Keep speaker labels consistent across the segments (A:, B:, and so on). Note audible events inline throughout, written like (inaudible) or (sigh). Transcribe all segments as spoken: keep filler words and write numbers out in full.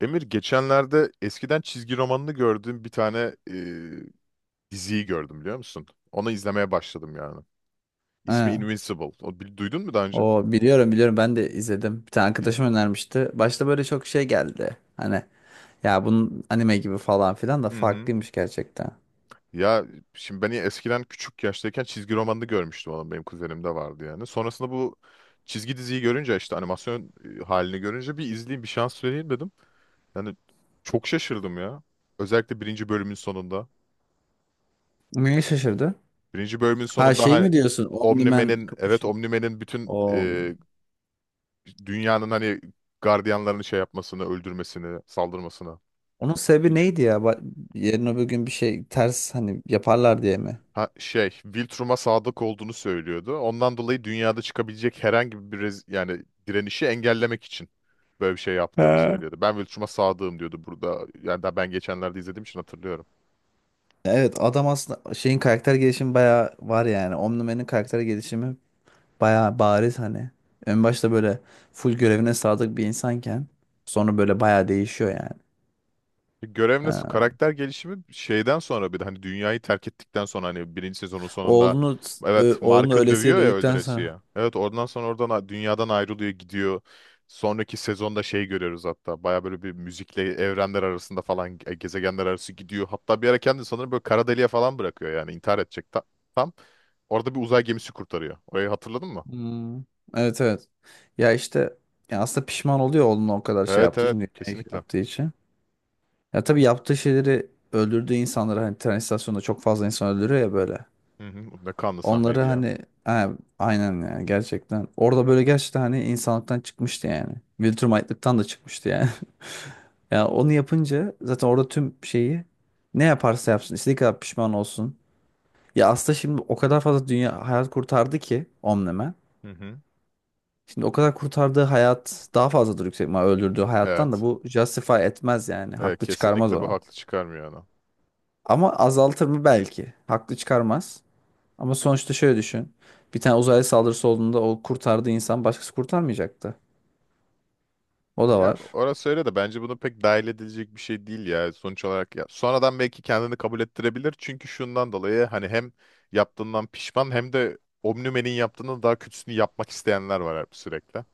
A: Emir geçenlerde eskiden çizgi romanını gördüğüm bir tane e, diziyi gördüm, biliyor musun? Onu izlemeye başladım yani. İsmi
B: Ha,
A: Invincible. O, bil- duydun mu daha önce?
B: o biliyorum biliyorum ben de izledim. Bir tane
A: İz-
B: arkadaşım önermişti. Başta böyle çok şey geldi. Hani ya bunun anime gibi falan filan da
A: Hı hı.
B: farklıymış gerçekten.
A: Ya şimdi ben eskiden küçük yaştayken çizgi romanını görmüştüm, onun benim kuzenimde vardı yani. Sonrasında bu çizgi diziyi görünce, işte animasyon e, halini görünce, bir izleyeyim bir şans vereyim dedim. Yani çok şaşırdım ya. Özellikle birinci bölümün sonunda.
B: Neye şaşırdı?
A: Birinci bölümün
B: Ha
A: sonunda
B: şey
A: hani
B: mi diyorsun? Omniman
A: Omnimen'in, evet,
B: kapışı.
A: Omnimen'in bütün
B: O
A: dünyanın hani gardiyanlarını şey yapmasını, öldürmesini, saldırmasını.
B: onun sebebi
A: Hiç.
B: neydi ya? Ba- Yarın öbür gün bir şey ters hani yaparlar diye mi?
A: Ha, şey, Viltrum'a sadık olduğunu söylüyordu. Ondan dolayı dünyada çıkabilecek herhangi bir rez- yani direnişi engellemek için böyle bir şey yaptığını
B: Ha.
A: söylüyordu. Ben Viltrum'a sadığım diyordu burada. Yani daha ben geçenlerde izlediğim için hatırlıyorum.
B: Evet adam aslında şeyin karakter gelişimi bayağı var yani. Omniman'in karakter gelişimi bayağı bariz hani. En başta böyle full görevine sadık bir insanken sonra böyle bayağı değişiyor yani.
A: Görev nasıl?
B: Ha.
A: Karakter gelişimi şeyden sonra bir de hani dünyayı terk ettikten sonra, hani birinci sezonun sonunda,
B: Oğlunu
A: evet,
B: ö- oğlunu
A: Mark'ı
B: ölesiye
A: dövüyor ya
B: dövdükten
A: öldüresiye.
B: sonra.
A: Evet, oradan sonra oradan a- dünyadan ayrılıyor, gidiyor. Sonraki sezonda şey görüyoruz, hatta baya böyle bir müzikle evrenler arasında falan ge- gezegenler arası gidiyor. Hatta bir ara kendini sanırım böyle kara deliğe falan bırakıyor yani, intihar edecek. Ta- tam. Orada bir uzay gemisi kurtarıyor. Orayı hatırladın mı?
B: Hmm. Evet evet. Ya işte ya aslında pişman oluyor oğlunu o kadar şey
A: Evet,
B: yaptığı için
A: evet,
B: dünyaya
A: kesinlikle.
B: yaptığı için. Ya tabii yaptığı şeyleri öldürdüğü insanları hani tren istasyonunda çok fazla insan öldürüyor ya böyle.
A: Hı hı. Ne kanlı
B: Onları
A: sahneydi ya.
B: hani ha, aynen yani gerçekten. Orada böyle gerçekten hani insanlıktan çıkmıştı yani. Viltrumaytlıktan da çıkmıştı yani. (laughs) Ya onu yapınca zaten orada tüm şeyi ne yaparsa yapsın istediği kadar pişman olsun. Ya aslında şimdi o kadar fazla dünya hayat kurtardı ki omni
A: Hı hı.
B: Şimdi o kadar kurtardığı hayat daha fazladır yüksek ihtimal öldürdüğü hayattan da
A: Evet.
B: bu justify etmez yani.
A: Evet,
B: Haklı çıkarmaz
A: kesinlikle bu
B: onu.
A: haklı çıkarmıyor ana.
B: Ama azaltır mı belki. Haklı çıkarmaz. Ama sonuçta şöyle düşün. Bir tane uzaylı saldırısı olduğunda o kurtardığı insan başkası kurtarmayacaktı. O da
A: Ya
B: var.
A: orası öyle de, bence bunu pek dahil edilecek bir şey değil ya, sonuç olarak ya. Sonradan belki kendini kabul ettirebilir, çünkü şundan dolayı hani hem yaptığından pişman, hem de Omnimen'in yaptığının daha kötüsünü yapmak isteyenler var hep sürekli.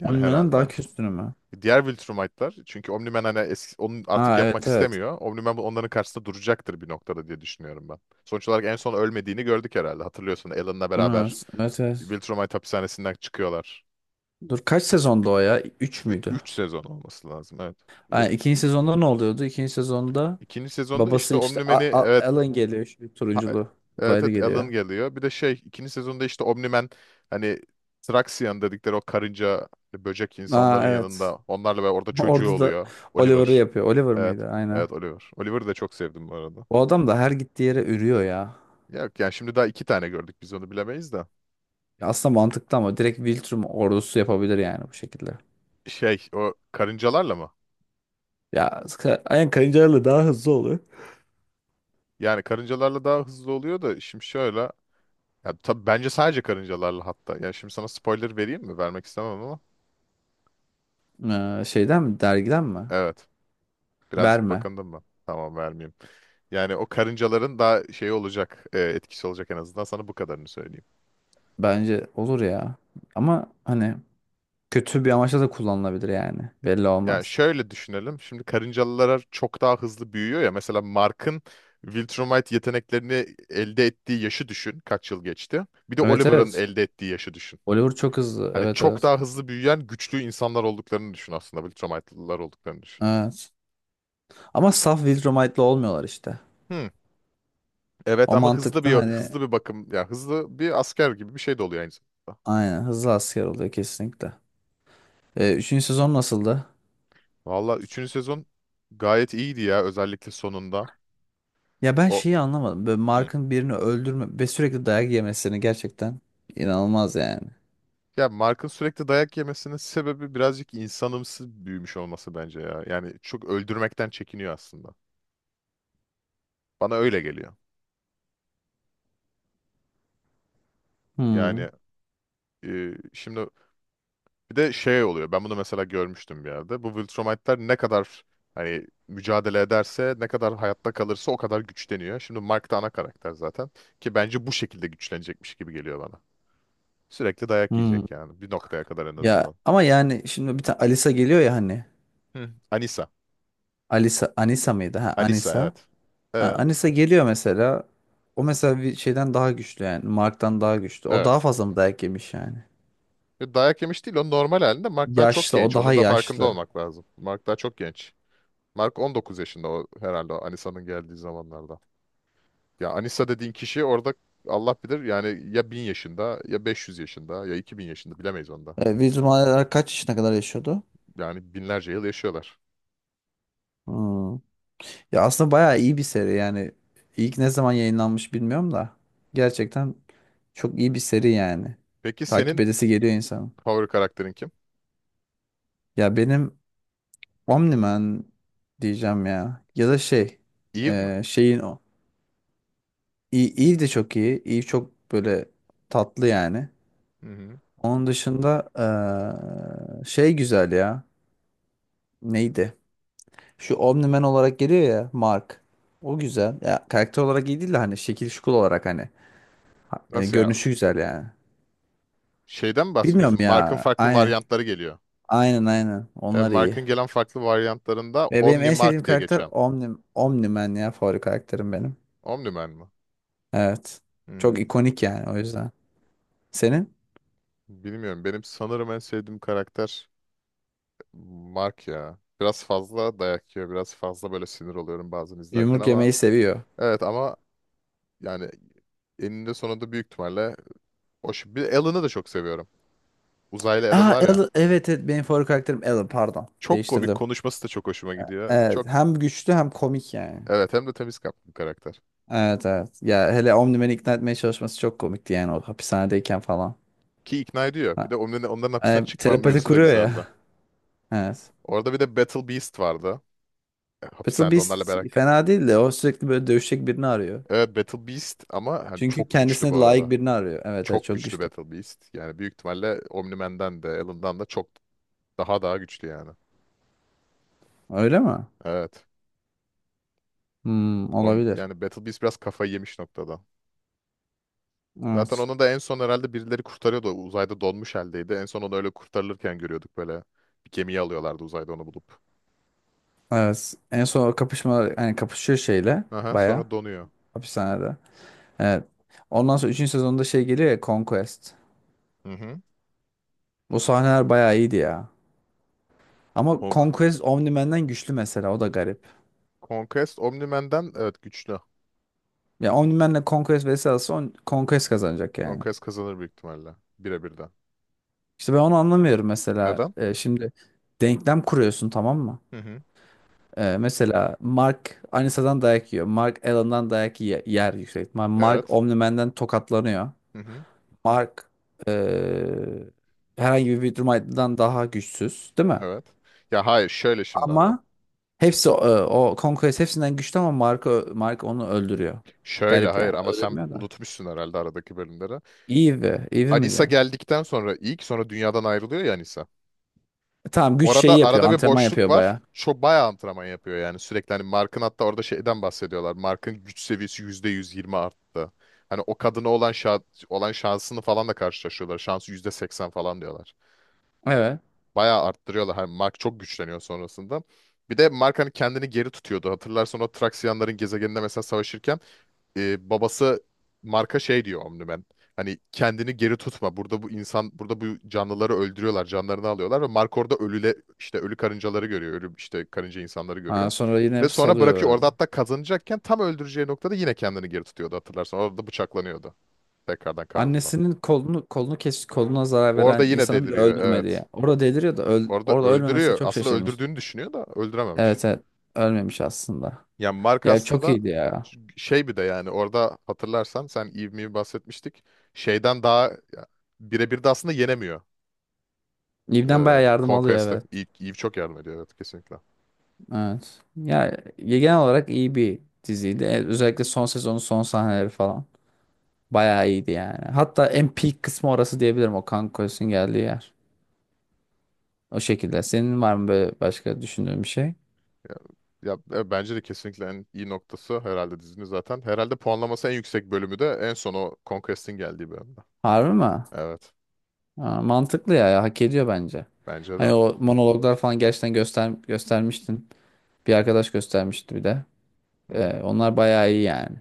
A: Yani
B: Onun daha
A: herhalde.
B: üstünü mü?
A: Diğer Viltrumite'lar çünkü Omnimen hani eski, onu artık
B: Ha
A: yapmak
B: evet evet.
A: istemiyor. Omnimen bu- onların karşısında duracaktır bir noktada diye düşünüyorum ben. Sonuç olarak en son ölmediğini gördük herhalde. Hatırlıyorsun, Alan'la beraber
B: Evet evet. evet.
A: Viltrumite hapishanesinden çıkıyorlar.
B: Dur kaç sezonda o ya? Üç müydü?
A: Üç sezon olması lazım, evet.
B: Ha, ikinci sezonda ne oluyordu? İkinci sezonda
A: İkinci sezonda
B: babası
A: işte
B: işte
A: Omni-Man'i,
B: A- A-
A: evet,
B: Alan geliyor. Şu
A: ha-
B: turunculu
A: evet,
B: uzaylı
A: evet, Alan
B: geliyor.
A: geliyor. Bir de şey, ikinci sezonda işte Omni-Man hani Traxian dedikleri o karınca hani böcek
B: Ha
A: insanların
B: evet.
A: yanında onlarla, ve orada
B: (laughs)
A: çocuğu
B: Orada da
A: oluyor.
B: Oliver'ı
A: Oliver.
B: yapıyor. Oliver
A: Evet.
B: mıydı? Aynen.
A: Evet, Oliver. Oliver'ı da çok sevdim bu arada.
B: Bu adam da her gittiği yere ürüyor ya.
A: Yok yani şimdi daha iki tane gördük, biz onu bilemeyiz de.
B: Ya aslında mantıklı ama direkt Viltrum ordusu yapabilir yani bu şekilde.
A: Şey, o karıncalarla mı?
B: Ya ka- aynen karıncalarla daha hızlı oluyor.
A: Yani karıncalarla daha hızlı oluyor da şimdi şöyle. Ya tabii bence sadece karıncalarla hatta. Yani şimdi sana spoiler vereyim mi? Vermek istemem ama.
B: Ee, şeyden mi dergiden mi?
A: Evet. Birazcık
B: Verme.
A: bakındım mı? Tamam, vermeyeyim. Yani o karıncaların daha şey olacak, e, etkisi olacak, en azından sana bu kadarını söyleyeyim.
B: Bence olur ya. Ama hani kötü bir amaçla da kullanılabilir yani. Belli
A: Yani
B: olmaz.
A: şöyle düşünelim. Şimdi karıncalılar çok daha hızlı büyüyor ya. Mesela Mark'ın Viltrumite yeteneklerini elde ettiği yaşı düşün. Kaç yıl geçti? Bir de
B: Evet
A: Oliver'ın
B: evet.
A: elde ettiği yaşı düşün.
B: Oliver çok hızlı.
A: Hani
B: Evet
A: çok
B: evet.
A: daha hızlı büyüyen güçlü insanlar olduklarını düşün aslında. Viltrumite'lılar olduklarını düşün.
B: Evet. Ama saf Viltrumite'la olmuyorlar işte.
A: Hmm. Evet,
B: O
A: ama hızlı
B: mantıkta
A: bir
B: hani
A: hızlı bir bakım ya, hızlı bir asker gibi bir şey de oluyor aynı zamanda.
B: aynen hızlı asker oluyor kesinlikle. Ee, üçüncü sezon nasıldı?
A: Valla üçüncü sezon gayet iyiydi ya, özellikle sonunda.
B: Ya ben
A: O.
B: şeyi anlamadım. Böyle
A: Hı.
B: Mark'ın birini öldürme ve sürekli dayak yemesini gerçekten inanılmaz yani.
A: Ya Mark'ın sürekli dayak yemesinin sebebi birazcık insanımsı büyümüş olması bence ya. Yani çok öldürmekten çekiniyor aslında. Bana öyle geliyor.
B: Hmm.
A: Yani, e, şimdi bir de şey oluyor. Ben bunu mesela görmüştüm bir yerde. Bu Viltrumite'ler ne kadar hani mücadele ederse, ne kadar hayatta kalırsa, o kadar güçleniyor. Şimdi Mark da ana karakter zaten, ki bence bu şekilde güçlenecekmiş gibi geliyor bana. Sürekli dayak
B: Hmm.
A: yiyecek yani, bir noktaya kadar en
B: Ya
A: azından.
B: ama yani şimdi bir tane Alisa geliyor ya hani.
A: Hı. Anissa.
B: Alisa Anisa mıydı? Ha
A: Anissa,
B: Anisa.
A: evet.
B: Ha,
A: Ee,
B: Anisa geliyor mesela. O mesela bir şeyden daha güçlü yani. Mark'tan daha güçlü. O daha
A: evet.
B: fazla mı dayak yemiş yani?
A: E, Dayak yemiş değil, o normal halinde. Mark daha çok
B: Yaşlı, o
A: genç.
B: daha
A: Onun da farkında
B: yaşlı.
A: olmak lazım. Mark daha çok genç. Mark on dokuz yaşında o herhalde, o Anissa'nın geldiği zamanlarda. Ya Anissa dediğin kişi orada Allah bilir yani, ya bin yaşında, ya beş yüz yaşında, ya iki bin yaşında, bilemeyiz onda.
B: E, Vizum Alara kaç yaşına kadar yaşıyordu?
A: Yani binlerce yıl yaşıyorlar.
B: Hmm. Ya aslında bayağı iyi bir seri yani. İlk ne zaman yayınlanmış bilmiyorum da. Gerçekten çok iyi bir seri yani.
A: Peki
B: Takip
A: senin
B: edesi geliyor insanın.
A: favori karakterin kim?
B: Ya benim OmniMan diyeceğim ya. Ya da şey.
A: Eve mi?
B: E, şeyin o. İyi, iyi de çok iyi. İyi çok böyle tatlı yani.
A: Hı hı.
B: Onun dışında e, şey güzel ya. Neydi? Şu Omni-Man olarak geliyor ya Mark. O güzel. Ya karakter olarak iyi değil de hani şekil şukul olarak hani ha- e,
A: Nasıl ya?
B: görünüşü güzel yani.
A: Şeyden mi
B: Bilmiyorum
A: bahsediyorsun? Mark'ın
B: ya.
A: farklı
B: Aynen.
A: varyantları geliyor.
B: Aynen aynen.
A: He,
B: Onlar iyi.
A: Mark'ın gelen farklı varyantlarında
B: Ve benim
A: Omni
B: en sevdiğim
A: Mark diye
B: karakter
A: geçen
B: Omni, Omni-Man ya favori karakterim benim.
A: Omniman mı?
B: Evet. Çok
A: Hmm,
B: ikonik yani o yüzden. Senin?
A: Bilmiyorum. Benim sanırım en sevdiğim karakter Mark ya. Biraz fazla dayak yiyor. Biraz fazla böyle sinir oluyorum bazen izlerken
B: Yumruk
A: ama,
B: yemeyi seviyor.
A: evet, ama yani eninde sonunda büyük ihtimalle o şu- bir Alan'ı da çok seviyorum. Uzaylı Alan
B: Aa,
A: var ya.
B: Alan- evet evet benim favori karakterim Alan pardon.
A: Çok komik
B: Değiştirdim.
A: konuşması da çok hoşuma gidiyor.
B: Evet
A: Çok.
B: hem güçlü hem komik yani.
A: Evet, hem de temiz kalpli bir karakter.
B: Evet evet. Ya hele Omni-Man'i ikna etmeye çalışması çok komikti yani o hapishanedeyken falan.
A: Ki ikna ediyor. Bir
B: Ha,
A: de onların, onların hapisten
B: e,
A: çıkma
B: telepati
A: mevzusu da
B: kuruyor ya.
A: güzeldi.
B: (laughs) Evet.
A: Orada bir de Battle Beast vardı. E,
B: Battle
A: Hapishanede onlarla
B: Beast
A: beraber.
B: fena değil de o sürekli böyle dövüşecek birini arıyor.
A: Evet, Battle Beast ama hani
B: Çünkü
A: çok güçlü
B: kendisine
A: bu
B: layık
A: arada.
B: birini arıyor. Evet evet
A: Çok
B: çok
A: güçlü
B: güçlü.
A: Battle Beast. Yani büyük ihtimalle Omni-Man'den de, Alan'dan da çok daha daha güçlü yani.
B: Öyle mi?
A: Evet.
B: Hmm,
A: Om-
B: olabilir.
A: yani Battle Beast biraz kafayı yemiş noktada. Zaten
B: Evet.
A: onu da en son herhalde birileri kurtarıyordu. O uzayda donmuş haldeydi. En son onu öyle kurtarılırken görüyorduk böyle. Bir gemiye alıyorlardı, uzayda onu bulup.
B: Evet. En son o kapışma yani kapışıyor şeyle
A: Aha,
B: baya
A: sonra donuyor.
B: hapishanede. Evet. Ondan sonra üçüncü sezonda şey geliyor ya Conquest.
A: Hı hı.
B: Bu sahneler bayağı iyiydi ya. Ama
A: Kong.
B: Conquest Omni-Man'den güçlü mesela o da garip.
A: Conquest Omni-Man'den, evet, güçlü.
B: Ya Omni-Man'le Conquest versus alsa on- Conquest kazanacak yani.
A: Conquest kazanır büyük ihtimalle. Birebirden.
B: İşte ben onu anlamıyorum mesela.
A: Neden?
B: Ee, şimdi denklem kuruyorsun tamam mı?
A: Hı hı.
B: Ee, mesela Mark Anissa'dan dayak yiyor. Mark Allen'dan dayak ye- yer yüksek ihtimal. Mark
A: Evet.
B: Omni-Man'den tokatlanıyor.
A: Hı hı.
B: Mark ee, herhangi bir Widmer'dan daha güçsüz değil mi?
A: Evet. Ya hayır, şöyle şimdi ama.
B: Ama hepsi o, o Conquest hepsinden güçlü ama Mark, ö- Mark onu öldürüyor.
A: Şöyle
B: Garip yani.
A: hayır, ama sen
B: Öldürmüyor da.
A: unutmuşsun herhalde aradaki bölümleri.
B: Eve. Eve mi
A: Anissa
B: diyor?
A: geldikten sonra ilk, sonra dünyadan ayrılıyor ya Anissa.
B: E, Tamam güç
A: Orada
B: şeyi yapıyor.
A: arada bir
B: Antrenman
A: boşluk
B: yapıyor
A: var.
B: baya.
A: Çok bayağı antrenman yapıyor yani sürekli. Hani Mark'ın, hatta orada şeyden bahsediyorlar. Mark'ın güç seviyesi yüzde yüz yirmi arttı. Hani o kadına olan şa olan şansını falan da karşılaşıyorlar. Şansı yüzde seksen falan diyorlar.
B: Evet.
A: Bayağı arttırıyorlar. Hani Mark çok güçleniyor sonrasında. Bir de Mark hani kendini geri tutuyordu. Hatırlarsan o Traksiyanların gezegeninde mesela savaşırken, e, babası marka şey diyor Omniman. Hani kendini geri tutma. Burada bu insan, burada bu canlıları öldürüyorlar, canlarını alıyorlar ve Mark orada ölüle işte ölü karıncaları görüyor, ölü işte karınca insanları
B: Ha,
A: görüyor.
B: sonra
A: Ve
B: yine
A: sonra
B: salıyor
A: bırakıyor. Orada
B: böyle.
A: hatta kazanacakken tam öldüreceği noktada yine kendini geri tutuyordu hatırlarsan. Orada bıçaklanıyordu. Tekrardan karnından.
B: Annesinin kolunu kolunu kes koluna zarar
A: Orada
B: veren
A: yine
B: insanı bile
A: deliriyor,
B: öldürmedi
A: evet.
B: ya. Orada deliriyor da öl-
A: Orada
B: orada ölmemesine
A: öldürüyor.
B: çok
A: Aslında
B: şaşırmış.
A: öldürdüğünü düşünüyor da öldürememiş.
B: Evet evet. Ölmemiş aslında.
A: Yani Mark
B: Ya çok
A: aslında
B: iyiydi ya.
A: şey, bir de yani orada hatırlarsan sen ivmeyi bahsetmiştik. Şeyden daha ya, birebir de aslında yenemiyor,
B: İbden
A: e,
B: bayağı yardım alıyor
A: Conquest'ı.
B: evet.
A: Eve, Eve çok yardım ediyor, evet kesinlikle.
B: Evet. Ya genel olarak iyi bir diziydi. E, Özellikle son sezonun son sahneleri falan. Bayağı iyiydi yani. Hatta en peak kısmı orası diyebilirim o kan koyusun geldiği yer. O şekilde. Senin var mı böyle başka düşündüğün bir şey?
A: Ya, ya, e, bence de kesinlikle en iyi noktası herhalde dizinin zaten. Herhalde puanlaması en yüksek bölümü de en son o Conquest'in geldiği bölümde.
B: Harbi mi?
A: Evet,
B: Aa, mantıklı ya, ya hak ediyor bence.
A: bence de.
B: Hani o monologlar falan gerçekten göster göstermiştin. Bir arkadaş göstermişti bir de.
A: Hı
B: Ee,
A: hı.
B: onlar bayağı iyi yani.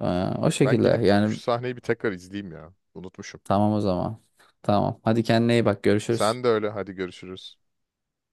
B: Ee, O
A: Ben
B: şekilde
A: gidip
B: yani
A: şu sahneyi bir tekrar izleyeyim ya. Unutmuşum.
B: tamam o zaman. Tamam. Hadi kendine iyi bak görüşürüz.
A: Sen de öyle, hadi görüşürüz.